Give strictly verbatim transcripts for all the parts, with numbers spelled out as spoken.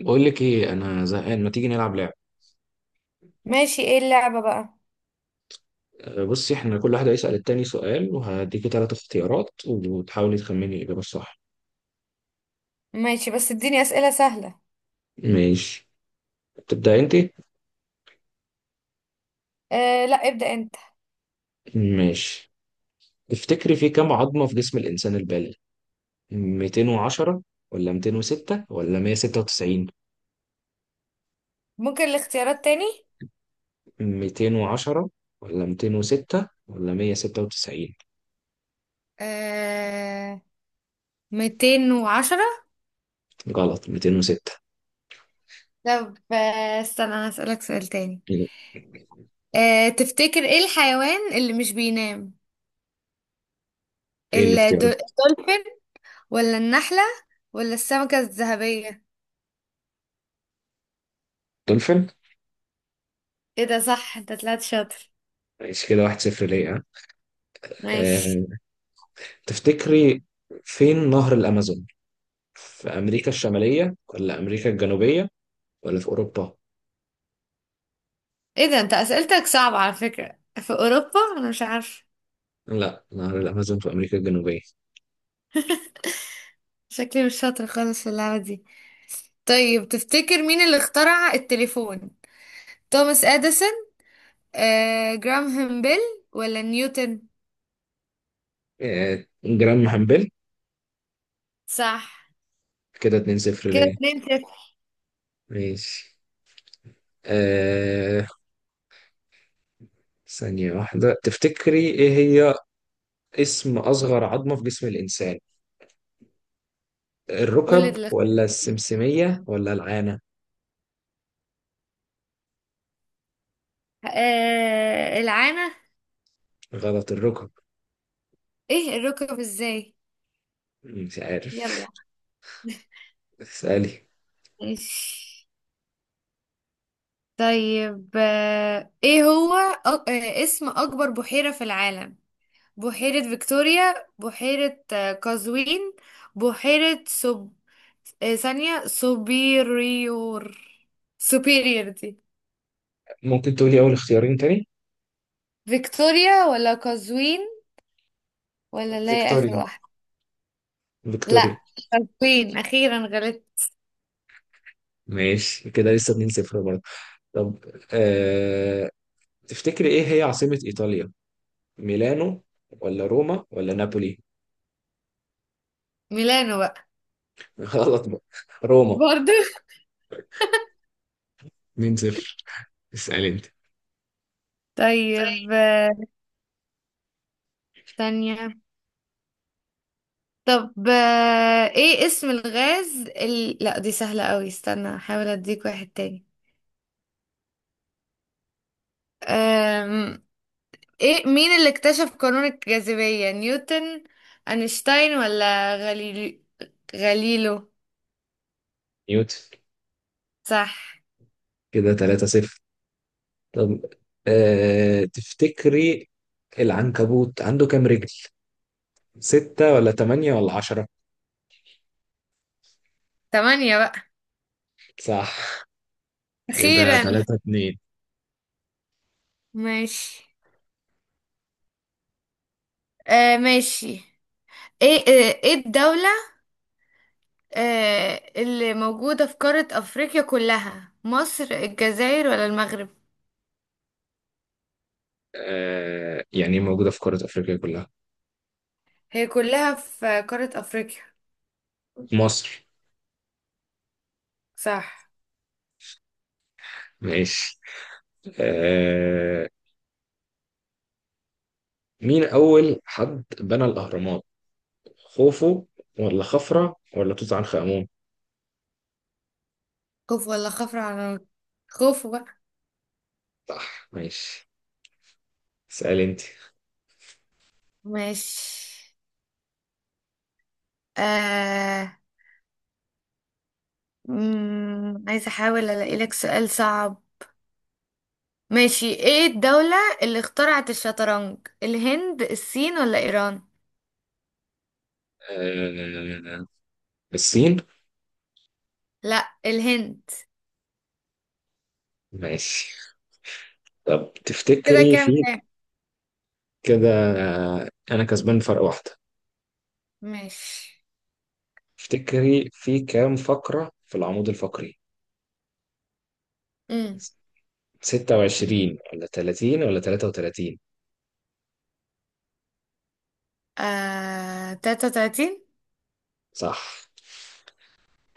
بقول لك ايه، انا زهقان، ما تيجي نلعب لعب؟ ماشي. ايه اللعبة بقى؟ أه، بصي، احنا كل واحد هيسأل التاني سؤال وهديكي ثلاث اختيارات وتحاولي تخمني الاجابه الصح. ماشي، بس اديني اسئلة سهلة. ماشي. تبدأ انت. آه لا، ابدأ انت. ماشي. تفتكري في كام عظمه في جسم الانسان البالغ؟ ميتين وعشرة ولا ميتين وستة ولا مية وستة وتسعين؟ ممكن الاختيارات تاني؟ ميتين وعشرة ولا ميتين وستة ولا مية وستة وتسعين؟ آه... مائتين وعشرة. غلط، مئتين وستة. طب آه... استنى، أنا هسألك سؤال تاني. آه... تفتكر ايه الحيوان اللي مش بينام؟ ايه الدو- الاختيار؟ الدولفين، ولا النحلة، ولا السمكة الذهبية؟ دولفين. ايه ده، صح! انت طلعت شاطر. ماشي، كده واحد صفر ليه، ها؟ ماشي. أه تفتكري فين نهر الامازون؟ في أمريكا الشمالية ولا أمريكا الجنوبية ولا في أوروبا؟ ايه ده، انت اسئلتك صعبة، على فكرة في اوروبا انا مش عارفة. لا، نهر الأمازون في أمريكا الجنوبية. شكلي مش شاطر خالص في اللعبة دي. طيب، تفتكر مين اللي اخترع التليفون؟ توماس اديسون، آه، جراهام بيل، ولا نيوتن؟ آه، جرام محمبل. صح. كده اتنين صفر كده ليا. اتنين صفر. ماشي. آه ثانية واحدة، تفتكري إيه هي اسم أصغر عظمة في جسم الإنسان؟ قول الركب اللي اخت- ولا السمسمية ولا العانة؟ آه، العانة. غلط، الركب. ايه الركب ازاي؟ مش يلا. عارف. اسألي. ماشي. طيب، آه، ايه هو أ- آه، اسم اكبر بحيرة في العالم؟ بحيرة فيكتوريا، بحيرة آه، قزوين، بحيرة سب آه، ثانية سوبيريور. سوبيريور دي؟ ممكن تقولي أول اختيارين تاني؟ فيكتوريا ولا قزوين ولا اللي هي آخر فيكتوريا، واحدة؟ فيكتوريا. لا، قزوين. أخيرا غلطت. ماشي، كده لسه اتنين صفر برضه. طب، آه تفتكري ايه هي عاصمة ايطاليا؟ ميلانو ولا روما ولا نابولي؟ ميلانو بقى. غلط بقى، روما. برضو مين صفر. اسأل انت. طيب، آه، ثانية طب آه، ايه اسم الغاز ال... لا، دي سهلة قوي، استنى احاول اديك واحد تاني. أم... ايه، مين اللي اكتشف قانون الجاذبية؟ نيوتن، اينشتاين، ولا غاليليو؟ غاليلو. نيوتن. صح. كده تلاتة صفر. طب، آه تفتكري العنكبوت عنده كام رجل؟ ستة ولا تمانية ولا عشرة؟ تمانية بقى. صح، كده اخيرا. تلاتة اتنين. ماشي. آه ماشي. ايه آه، ايه الدولة آه، اللي موجودة في قارة افريقيا كلها، مصر، الجزائر، ولا المغرب؟ آه يعني موجودة في قارة افريقيا كلها؟ هي كلها في قارة افريقيا؟ مصر. صح. ماشي. آه مين اول حد بنى الاهرامات؟ خوفو ولا خفرة ولا توت عنخ آمون؟ خوف ولا خفر على النار؟ خوف بقى. صح، ماشي. اسأل انت. ماشي. آه... مم... عايزة احاول الاقي لك سؤال صعب. ماشي، ايه الدولة اللي اخترعت الشطرنج؟ الهند، الصين، ولا ايران؟ آه، الصين. لا، الهند. ماشي. طب، كده تفتكري كام في كام؟ كده، آه، انا كسبان فرق واحدة. ماشي. تفتكري في كام فقرة في العمود الفقري؟ امم ستة وعشرين ولا تلاتين ولا تلاتة وتلاتين؟ آه... تلاتة وتلاتين. صح،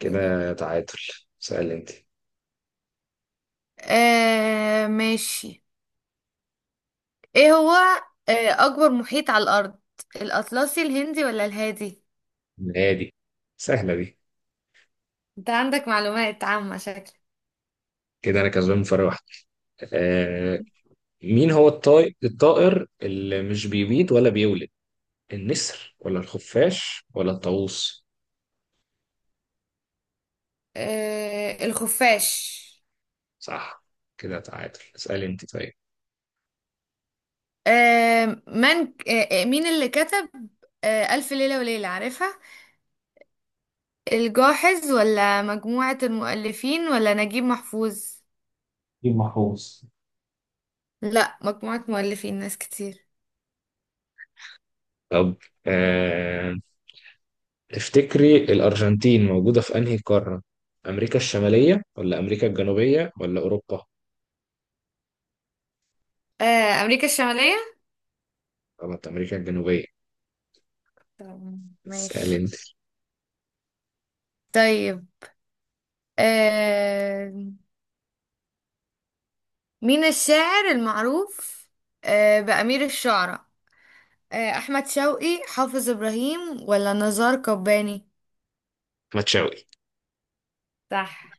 كده. تعادل. سأل انت. آه ماشي. ايه هو آه اكبر محيط على الارض؟ الاطلسي، الهندي، ولا الهادي؟ نادي. سهلة دي. انت عندك معلومات عامة شكلك. كده انا كسبان فرق واحدة. آه، مين هو الطائر الطائر اللي مش بيبيض ولا بيولد؟ النسر ولا الخفاش ولا الطاووس؟ آه الخفاش. صح، كده تعادل. اسألي انت، طيب. آه من ك- آه آه، مين اللي كتب آه ألف ليلة وليلة، عارفها؟ الجاحظ، ولا مجموعة المؤلفين، ولا نجيب محفوظ؟ نجيب محفوظ. لا، مجموعة مؤلفين، ناس كتير. طب، آه... افتكري الأرجنتين موجودة في أنهي قارة؟ أمريكا الشمالية ولا أمريكا الجنوبية ولا أوروبا؟ آه أمريكا الشمالية. طبعا أمريكا الجنوبية. طبعاً، اسألي ماشي. انت. طيب، آه مين الشاعر المعروف آه، بأمير الشعراء؟ آه، أحمد شوقي، حافظ إبراهيم، ولا نزار قباني؟ ما تشاوي. صح.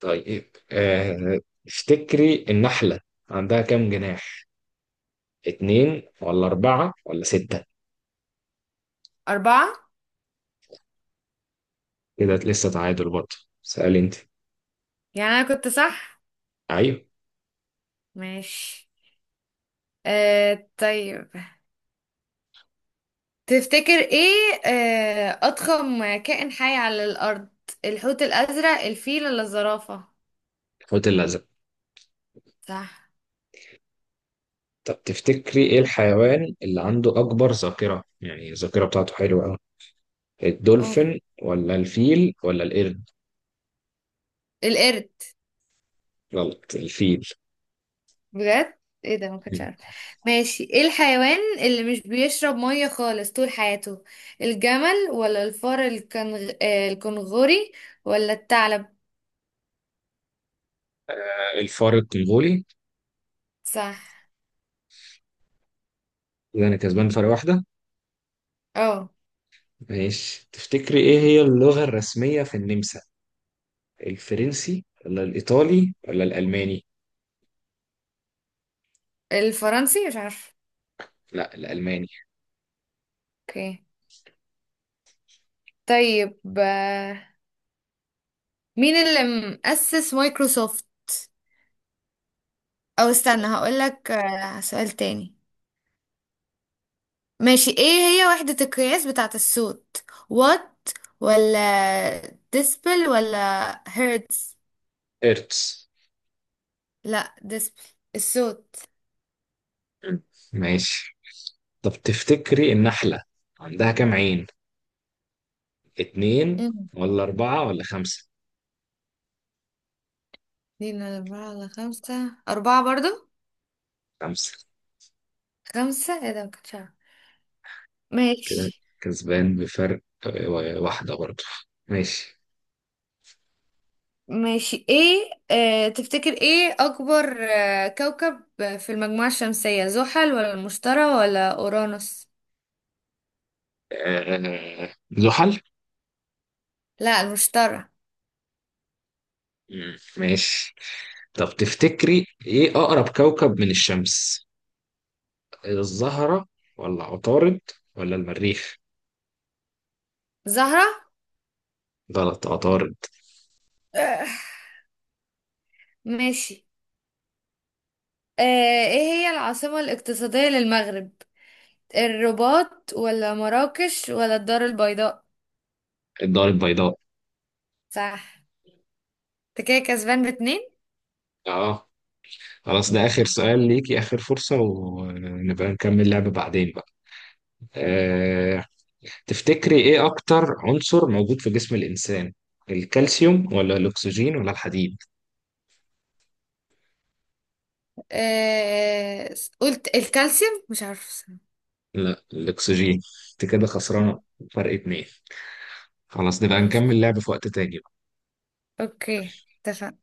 طيب، آه... افتكري النحلة عندها كام جناح؟ اتنين ولا أربعة ولا ستة؟ أربعة. كده لسه تعادل برضه. سأل انت. يعني أنا كنت صح. ايوه. ماشي. آه طيب، تفتكر إيه آه، أضخم كائن حي على الأرض؟ الحوت الأزرق، الفيل، ولا الزرافة؟ الحوت الازرق. صح. طب تفتكري ايه الحيوان اللي عنده اكبر ذاكرة، يعني الذاكرة بتاعته حلوة قوي؟ مم. الدولفين ولا الفيل ولا القرد؟ القرد. غلط، الفيل. بجد؟ ايه ده، ما كنتش عارفه. ماشي، ايه الحيوان اللي مش بيشرب ميه خالص طول حياته؟ الجمل، ولا الفار الكنغ... آه، الكنغوري، ولا الثعلب؟ آه، الفار الكونغولي. صح. كده انا كسبان فرق واحدة. اه ماشي، تفتكري ايه هي اللغة الرسمية في النمسا؟ الفرنسي ولا الايطالي ولا الالماني؟ الفرنسي، مش عارفه. لا، الالماني. اوكي. طيب، آه، مين اللي مؤسس مايكروسوفت؟ او استنى، هقولك آه، سؤال تاني. ماشي، ايه هي وحدة القياس بتاعة الصوت؟ وات، ولا ديسبل، ولا هيرتز؟ ارتس. لا، ديسبل الصوت. ماشي. طب تفتكري النحلة عندها كام عين؟ اتنين مم. ولا أربعة ولا خمسة؟ اتنين على أربعة على خمسة؟ أربعة برضو. خمسة. خمسة؟ ايه ده، مكنتش أعرف. كده ماشي. كسبان بفرق، آه، واحدة برضه. ماشي. ماشي، ايه آه تفتكر ايه أكبر آه كوكب في المجموعة الشمسية؟ زحل، ولا المشتري، ولا أورانوس؟ آه، زحل. لا، المشتري. مم، ماشي. طب تفتكري إيه أقرب كوكب من الشمس؟ الزهرة ولا عطارد ولا المريخ؟ زهرة. غلط، عطارد. آه ماشي. آه ايه هي العاصمة الاقتصادية للمغرب؟ الرباط، ولا مراكش، ولا الدار البيضاء؟ الدار البيضاء. صح. انت كده كسبان باتنين. اه. خلاص، ده آخر سؤال ليكي، آخر فرصة ونبقى نكمل لعبة بعدين بقى. آه، تفتكري ايه اكتر عنصر موجود في جسم الانسان؟ الكالسيوم ولا الاكسجين ولا الحديد؟ آه... قلت الكالسيوم، مش عارفة الصراحة. لا، الاكسجين. انت كده خسرانه فرق اتنين. خلاص، نبقى نكمل ماشي. لعب في وقت تاني. اوكي، اتفقنا.